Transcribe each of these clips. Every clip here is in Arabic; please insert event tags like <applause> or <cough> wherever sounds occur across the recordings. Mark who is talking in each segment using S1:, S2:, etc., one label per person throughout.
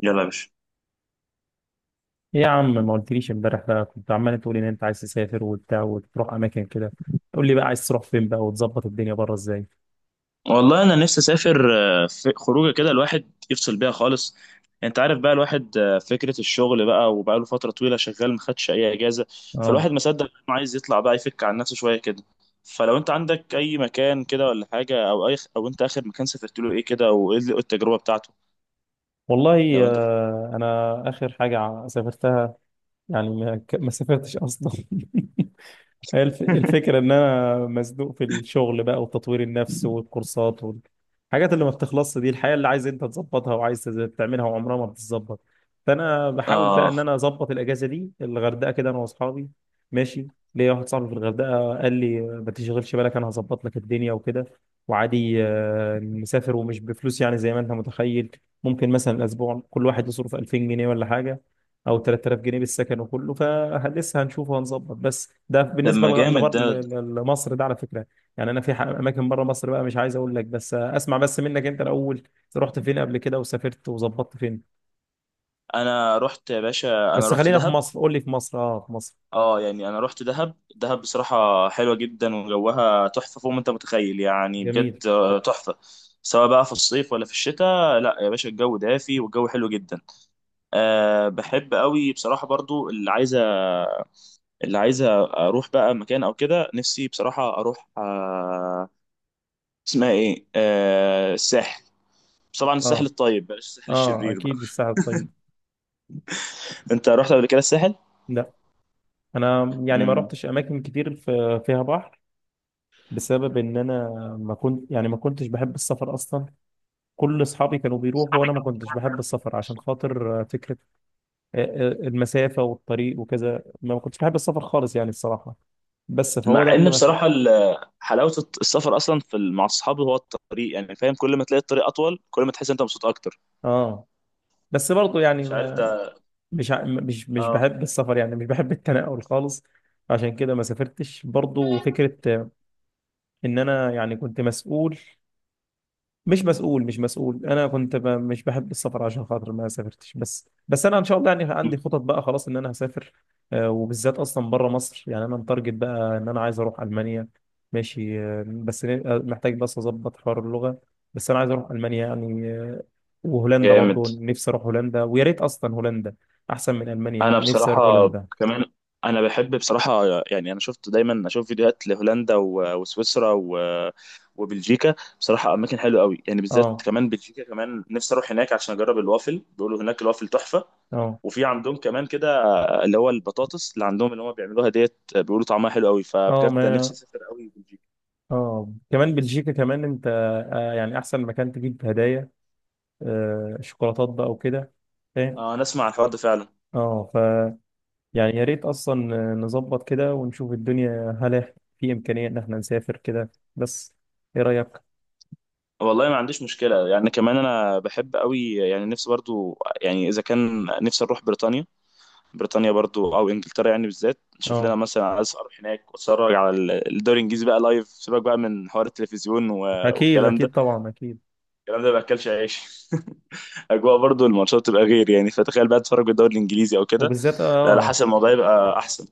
S1: يلا يا باشا.
S2: ايه يا عم ما قلتليش امبارح بقى كنت عمال تقول ان انت عايز تسافر وبتاع وتروح اماكن كده. قول لي بقى عايز تروح فين بقى وتظبط الدنيا بره ازاي؟
S1: والله انا نفسي اسافر. في خروجه كده الواحد يفصل بيها خالص. انت عارف بقى الواحد فكره الشغل بقى، وبقى له فتره طويله شغال ما خدش اي اجازه.
S2: اه
S1: فالواحد ما صدق انه عايز يطلع بقى يفك عن نفسه شويه كده. فلو انت عندك اي مكان كده ولا حاجه، او انت اخر مكان سافرت له ايه كده، وايه التجربه بتاعته؟
S2: والله
S1: لو انت.
S2: انا اخر حاجه سافرتها يعني ما سافرتش اصلا. <laughs> هي الفكرة
S1: <laughs>
S2: إن أنا مزنوق في الشغل بقى وتطوير النفس والكورسات والحاجات اللي ما بتخلصش دي الحياة اللي عايز أنت تظبطها وعايز تعملها وعمرها ما بتتظبط. فأنا بحاول بقى إن
S1: اه.
S2: أنا أظبط الأجازة دي الغردقة كده أنا وأصحابي. ماشي. ليا واحد صاحبي في الغردقة قال لي ما تشغلش بالك أنا هظبط لك الدنيا وكده. وعادي نسافر ومش بفلوس يعني زي ما أنت متخيل. ممكن مثلا الأسبوع كل واحد يصرف 2000 جنيه ولا حاجة، او 3000 جنيه بالسكن وكله فلسه. هنشوف وهنظبط، بس ده بالنسبه
S1: لما جامد ده.
S2: لمصر ده على فكره. يعني انا في اماكن بره مصر بقى، مش عايز اقول لك، بس اسمع بس منك انت الاول. رحت فين قبل كده وسافرت وظبطت فين؟
S1: انا رحت يا باشا. انا
S2: بس
S1: رحت
S2: خلينا في
S1: دهب.
S2: مصر، قول لي في مصر. اه، في مصر.
S1: اه، يعني انا رحت دهب. دهب بصراحه حلوه جدا، وجوها تحفه فوق ما انت متخيل، يعني
S2: جميل.
S1: بجد تحفه. سواء بقى في الصيف ولا في الشتاء، لا يا باشا الجو دافي والجو حلو جدا. بحب قوي بصراحه، برضو اللي عايزه اروح بقى مكان او كده، نفسي بصراحه اروح، اسمها ايه، الساحل. طبعا الساحل
S2: اه،
S1: الطيب، بلاش الساحل
S2: اه،
S1: الشرير بقى.
S2: اكيد الساحل الطيب.
S1: <laughs> انت رحت قبل كده الساحل؟
S2: لا، انا يعني ما
S1: امم.
S2: رحتش اماكن كتير في... فيها بحر، بسبب ان انا ما كنت يعني ما كنتش بحب السفر اصلا. كل اصحابي كانوا بيروحوا وانا ما كنتش بحب السفر عشان خاطر فكره المسافة والطريق وكذا. ما كنتش بحب السفر خالص يعني الصراحة. بس فهو
S1: مع
S2: ده
S1: ان
S2: اللي مخ...
S1: بصراحه حلاوه السفر اصلا مع الصحاب هو الطريق، يعني فاهم، كل ما تلاقي الطريق اطول كل ما تحس انت مبسوط اكتر.
S2: اه بس برضه يعني
S1: مش عارف
S2: ما
S1: ده.
S2: مش
S1: اه.
S2: بحب السفر يعني مش بحب التنقل خالص. عشان كده ما سافرتش برضه فكرة ان انا يعني كنت مسؤول، مش مسؤول انا كنت ب... مش بحب السفر عشان خاطر ما سافرتش. بس انا ان شاء الله يعني عندي خطط بقى خلاص ان انا هسافر. وبالذات اصلا بره مصر. يعني انا متارجت بقى ان انا عايز اروح المانيا. ماشي. بس محتاج بس اظبط حوار اللغه. بس انا عايز اروح المانيا يعني. وهولندا
S1: جامد.
S2: برضو نفسي اروح هولندا، ويا ريت اصلا هولندا احسن من
S1: انا
S2: المانيا. نفسي اروح
S1: بصراحه.
S2: هولندا.
S1: كمان. انا بحب بصراحه. يعني انا شفت، دايما اشوف فيديوهات لهولندا وسويسرا وبلجيكا، بصراحه اماكن حلوه قوي يعني، بالذات
S2: اه،
S1: كمان بلجيكا، كمان نفسي اروح هناك عشان اجرب الوافل، بيقولوا هناك الوافل تحفه.
S2: اه،
S1: وفي عندهم كمان كده، اللي هو البطاطس اللي عندهم، اللي هم بيعملوها ديت، بيقولوا طعمها حلو قوي،
S2: اه،
S1: فبجد
S2: ما
S1: نفسي اسافر قوي بلجيكا.
S2: اه، كمان بلجيكا كمان انت. يعني احسن مكان تجيب هدايا، شوكولاتات بقى وكده، فاهم.
S1: اه انا اسمع الحوار ده فعلا.
S2: اه ف يعني يا ريت اصلا، نظبط كده ونشوف الدنيا هل في امكانيه ان احنا نسافر كده بس. ايه رايك؟
S1: والله ما عنديش مشكله، يعني كمان انا بحب قوي يعني، نفسي برضو يعني، اذا كان نفسي اروح بريطانيا. بريطانيا برضو او انجلترا، يعني بالذات نشوف لنا
S2: اه
S1: مثلا، عايز اروح هناك واتفرج على الدوري الانجليزي بقى لايف، سيبك بقى من حوار التلفزيون
S2: اكيد،
S1: والكلام
S2: اكيد
S1: ده،
S2: طبعا اكيد.
S1: الكلام ده ما باكلش عيش. <laughs> اجواء برضو الماتشات تبقى غير، يعني فتخيل بقى تتفرج بالدوري الانجليزي او كده.
S2: وبالذات
S1: لا،
S2: اه
S1: لا،
S2: آه،
S1: حسب الموضوع يبقى احسن.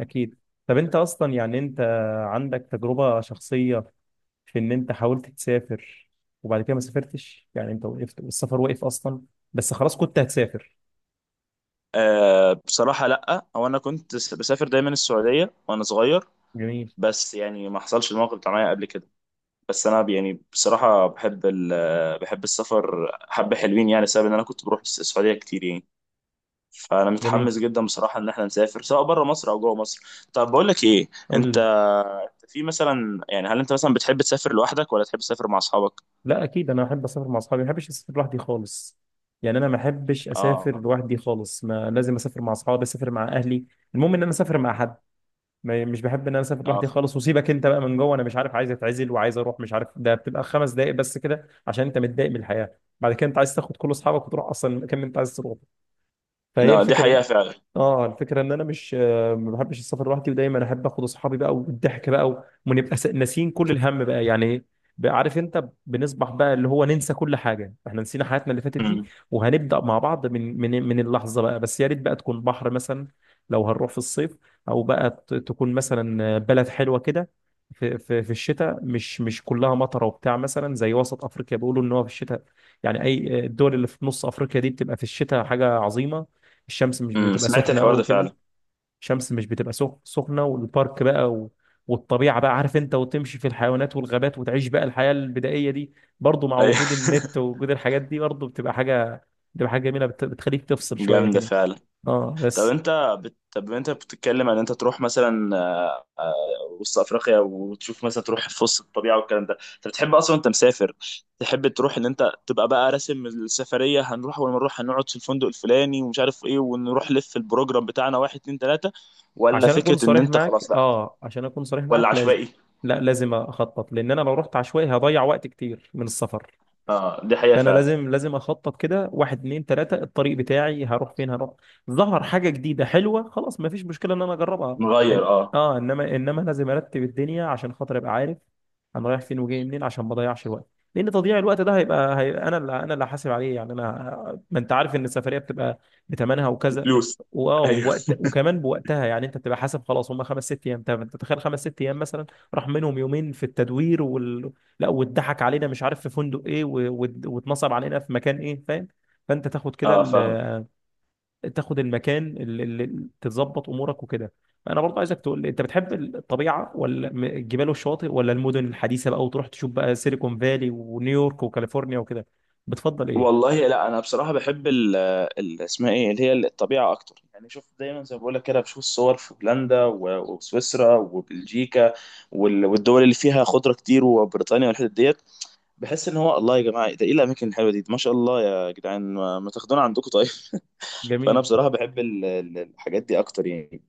S2: اكيد. طب انت اصلا يعني انت عندك تجربه شخصيه في ان انت حاولت تسافر وبعد كده ما سافرتش؟ يعني انت وقفت والسفر وقف اصلا، بس خلاص كنت هتسافر.
S1: بصراحه لا، هو انا كنت بسافر دايما السعوديه وانا صغير.
S2: جميل.
S1: بس يعني ما حصلش الموقف بتاع معايا قبل كده. بس انا يعني بصراحه بحب السفر حبه حلوين، يعني بسبب ان انا كنت بروح السعوديه كتير يعني. فانا
S2: جميل.
S1: متحمس جدا بصراحه ان احنا نسافر سواء بره مصر او جوه مصر. طب بقول لك ايه،
S2: قول
S1: انت
S2: لي.
S1: أنت في مثلا، يعني هل انت مثلا بتحب تسافر لوحدك ولا تحب تسافر مع اصحابك؟
S2: لا اكيد انا احب اسافر مع اصحابي، ما بحبش اسافر لوحدي خالص. يعني انا ما بحبش اسافر
S1: اه.
S2: لوحدي خالص، ما لازم اسافر مع اصحابي، اسافر مع اهلي. المهم ان انا اسافر مع حد. ما مش بحب ان انا اسافر لوحدي
S1: اه.
S2: خالص. وسيبك انت بقى من جوه، انا مش عارف عايز اتعزل وعايز اروح مش عارف، ده بتبقى خمس دقائق بس كده عشان انت متضايق من الحياه، بعد كده انت عايز تاخد كل اصحابك وتروح اصلا المكان اللي انت عايز تروحه. فهي
S1: لا دي حقيقه
S2: الفكره.
S1: فعلا.
S2: اه الفكره ان انا مش ما بحبش السفر لوحدي، ودايما احب اخد اصحابي بقى والضحك بقى ونبقى ناسيين كل الهم بقى يعني. بقى عارف انت بنصبح بقى اللي هو ننسى كل حاجه، احنا نسينا حياتنا اللي فاتت دي.
S1: امم.
S2: وهنبدا مع بعض من اللحظه بقى. بس يا ريت بقى تكون بحر مثلا لو هنروح في الصيف، او بقى تكون مثلا بلد حلوه كده في الشتاء مش مش كلها مطره وبتاع، مثلا زي وسط افريقيا بيقولوا ان هو في الشتاء يعني اي الدول اللي في نص افريقيا دي بتبقى في الشتاء حاجه عظيمه. الشمس مش بتبقى
S1: سمعت
S2: سخنه
S1: الحوار
S2: قوي
S1: ده
S2: كده،
S1: فعلا.
S2: الشمس مش بتبقى سخنه، والبارك بقى و... والطبيعه بقى عارف انت، وتمشي في الحيوانات والغابات وتعيش بقى الحياه البدائيه دي، برضو مع
S1: ايوه.
S2: وجود
S1: <laughs>
S2: النت ووجود الحاجات دي، برضو بتبقى حاجه، بتبقى حاجه جميله بت... بتخليك تفصل شويه
S1: جامده
S2: كده.
S1: فعلا.
S2: اه
S1: طب
S2: بس.
S1: انت. طب انت بتتكلم عن انت تروح مثلا، وسط افريقيا وتشوف مثلا، تروح في وسط الطبيعه والكلام ده، انت بتحب اصلا انت مسافر تحب تروح، ان انت تبقى بقى راسم السفريه، هنروح اول ما نروح هنقعد في الفندق الفلاني ومش عارف ايه، ونروح لف البروجرام بتاعنا، واحد اتنين تلاته، ولا
S2: عشان اكون
S1: فكره ان
S2: صريح
S1: انت
S2: معاك
S1: خلاص لا،
S2: اه، عشان اكون صريح
S1: ولا
S2: معاك لازم،
S1: عشوائي؟
S2: لا لازم اخطط، لان انا لو رحت عشوائي هضيع وقت كتير من السفر.
S1: اه دي حقيقه
S2: فانا
S1: فعلا.
S2: لازم اخطط كده واحد اتنين تلاته الطريق بتاعي هروح فين هروح. ظهر حاجه جديده حلوه خلاص ما فيش مشكله ان انا اجربها. إن-
S1: نغير اه.
S2: اه انما لازم ارتب الدنيا عشان خاطر ابقى عارف انا رايح فين وجاي منين عشان ما اضيعش الوقت. لان تضييع الوقت ده هيبقى انا اللي انا هحاسب عليه يعني انا. ما انت عارف ان السفريه بتبقى بثمنها وكذا،
S1: بفلوس.
S2: واه
S1: <laughs> ايوه.
S2: ووقت وكمان بوقتها يعني. انت بتبقى حاسب خلاص هم خمس ست ايام، طب انت تخيل خمس ست ايام مثلا راح منهم يومين في التدوير، لا واتضحك علينا مش عارف في فندق ايه واتنصب علينا في مكان ايه، فاهم؟ فانت تاخد كده
S1: اه فاهم.
S2: ال-، تاخد المكان اللي اللي تتظبط امورك وكده. انا برضه عايزك تقول لي انت بتحب الطبيعه ولا الجبال والشواطئ ولا المدن الحديثه بقى، وتروح تشوف بقى سيليكون فالي ونيويورك وكاليفورنيا وكده؟ بتفضل ايه؟
S1: والله لا، انا بصراحه بحب اسمها ايه، اللي هي الطبيعه اكتر، يعني شوف، دايما زي ما بقول لك كده، بشوف الصور في هولندا وسويسرا وبلجيكا والدول اللي فيها خضره كتير، وبريطانيا والحتت ديت، بحس ان هو الله، يا جماعه ده ايه الاماكن الحلوه دي، ما شاء الله، يا جدعان ما تاخدونا عندكم طيب. <laughs> فانا
S2: جميل.
S1: بصراحه بحب الحاجات دي اكتر يعني،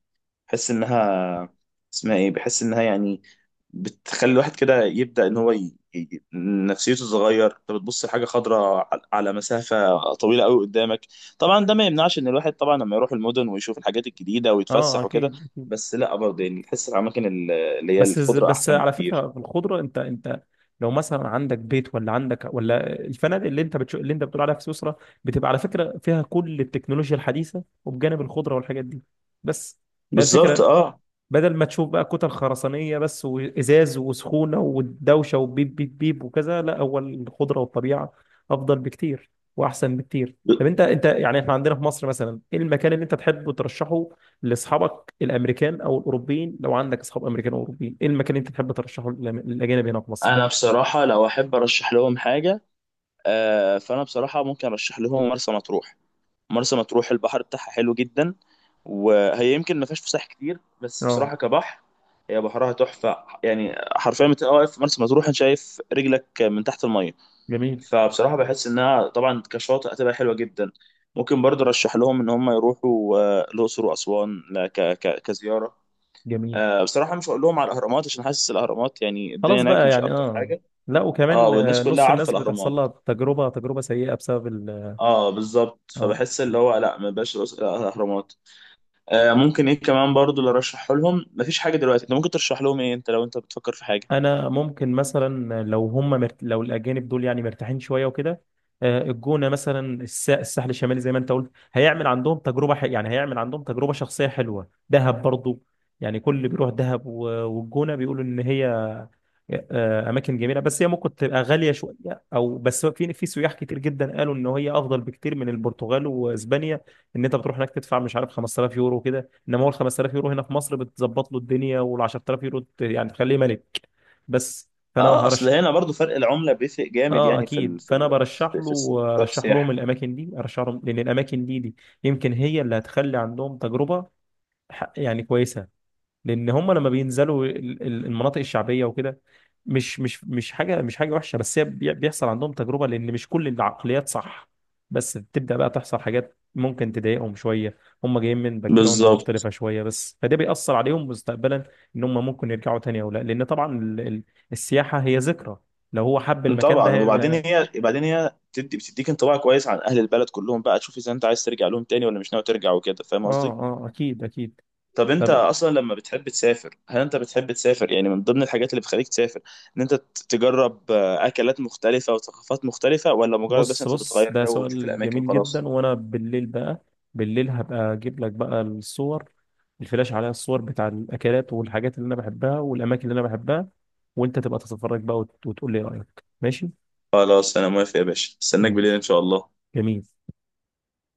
S1: بحس انها، اسمها ايه، بحس انها يعني بتخلي الواحد كده يبدأ ان هو نفسيته تتغير، انت بتبص لحاجه خضراء على مسافه طويله قوي قدامك. طبعا ده ما يمنعش ان الواحد طبعا لما يروح المدن ويشوف الحاجات الجديده
S2: اه
S1: ويتفسح وكده،
S2: اكيد.
S1: بس لا برضه يعني، تحس الاماكن اللي هي
S2: بس
S1: الخضره
S2: بس
S1: احسن
S2: على
S1: بكتير.
S2: فكرة في الخضرة انت انت لو مثلا عندك بيت ولا عندك ولا الفنادق اللي انت بتشو اللي انت بتقول عليها في سويسرا بتبقى على فكرة فيها كل التكنولوجيا الحديثة وبجانب الخضرة والحاجات دي بس، هي
S1: بالظبط
S2: الفكرة.
S1: اه.
S2: بدل ما تشوف بقى كتل خرسانية بس وإزاز وسخونة والدوشة وبيب بيب بيب وكذا، لا هو الخضرة والطبيعة أفضل بكتير وأحسن بكتير. طب أنت أنت يعني إحنا عندنا في مصر مثلا إيه المكان اللي أنت تحب ترشحه لأصحابك الأمريكان أو الأوروبيين، لو عندك أصحاب أمريكان أو أوروبيين إيه المكان اللي أنت تحب ترشحه للأجانب هنا في مصر؟
S1: انا بصراحه لو احب ارشح لهم حاجه، فانا بصراحه ممكن ارشح لهم مرسى مطروح. مرسى مطروح البحر بتاعها حلو جدا، وهي يمكن ما فيهاش فسح كتير، بس
S2: اه.
S1: بصراحه كبحر هي بحرها تحفه، يعني حرفيا بتبقى واقف في مرسى مطروح انت شايف رجلك من تحت الميه.
S2: جميل.
S1: فبصراحه بحس انها طبعا كشاطئ هتبقى حلوه جدا. ممكن برضه ارشح لهم ان هم يروحوا الاقصر واسوان ل- ك ك كزياره.
S2: جميل.
S1: بصراحه مش هقول لهم على الاهرامات، عشان حاسس الاهرامات يعني الدنيا
S2: خلاص
S1: هناك
S2: بقى
S1: مش
S2: يعني
S1: الطف
S2: اه.
S1: حاجه.
S2: لا
S1: اه
S2: وكمان،
S1: والناس كلها
S2: نص
S1: عارفه
S2: الناس بتحصل
S1: الاهرامات.
S2: لها تجربة سيئة بسبب ال-.
S1: اه بالظبط،
S2: اه
S1: فبحس اللي هو لا، ما بقاش الاهرامات. ممكن ايه كمان برضو اللي ارشحه لهم، مفيش حاجه دلوقتي، انت ممكن ترشح لهم ايه، انت لو انت بتفكر في حاجه؟
S2: انا ممكن مثلا لو هم مرت... لو الاجانب دول يعني مرتاحين شويه وكده الجونه مثلا، الساحل الشمالي زي ما انت قلت هيعمل عندهم تجربه ح... يعني هيعمل عندهم تجربه شخصيه حلوه. دهب برضو، يعني كل اللي بيروح دهب و... والجونه بيقولوا ان هي اماكن جميله، بس هي ممكن تبقى غاليه شويه. او بس في في سياح كتير جدا قالوا ان هي افضل بكتير من البرتغال واسبانيا، ان انت بتروح هناك تدفع مش عارف 5000 يورو وكده، انما هو ال 5000 يورو هنا في مصر بتظبط له الدنيا، وال 10000 يورو يعني تخليه ملك بس. فانا
S1: اه اصل
S2: هرش-
S1: هنا برضو فرق العمله بيفرق جامد،
S2: اه
S1: يعني
S2: اكيد. فانا برشح
S1: في
S2: له،
S1: السوق،
S2: ارشح لهم
S1: السياحه.
S2: الاماكن دي، ارشح لهم لان الاماكن دي دي يمكن هي اللي هتخلي عندهم تجربه يعني كويسه. لان هم لما بينزلوا المناطق الشعبيه وكده، مش حاجه مش حاجه وحشه، بس هي بيحصل عندهم تجربه لان مش كل العقليات صح. بس بتبدا بقى تحصل حاجات ممكن تضايقهم شويه، هم جايين من باك جراوند
S1: بالظبط.
S2: مختلفه شويه بس، فده بيأثر عليهم مستقبلا ان هم ممكن يرجعوا تاني او لا. لان طبعا السياحه هي ذكرى، لو هو حب المكان
S1: طبعا،
S2: ده
S1: وبعدين
S2: هي...
S1: هي، بعدين هي بتديك انطباع كويس عن اهل البلد كلهم بقى، تشوف اذا انت عايز ترجع لهم تاني ولا مش ناوي ترجع وكده، فاهم
S2: اه
S1: قصدي؟
S2: اه اكيد اكيد.
S1: طب انت
S2: طب
S1: اصلا لما بتحب تسافر، هل انت بتحب تسافر يعني من ضمن الحاجات اللي بتخليك تسافر، ان انت تجرب اكلات مختلفه وثقافات مختلفه، ولا مجرد بس
S2: بص
S1: انت
S2: بص
S1: بتغير
S2: ده
S1: جو وتشوف
S2: سؤال
S1: الاماكن
S2: جميل
S1: وخلاص؟
S2: جدا. وانا بالليل بقى، بالليل هبقى اجيب لك بقى الصور، الفلاش عليها الصور بتاع الاكلات والحاجات اللي انا بحبها والاماكن اللي انا بحبها، وانت تبقى تتفرج بقى وتقول لي رايك، ماشي؟
S1: خلاص انا موافق يا باشا، استناك بالليل ان
S2: ماشي.
S1: شاء الله.
S2: جميل.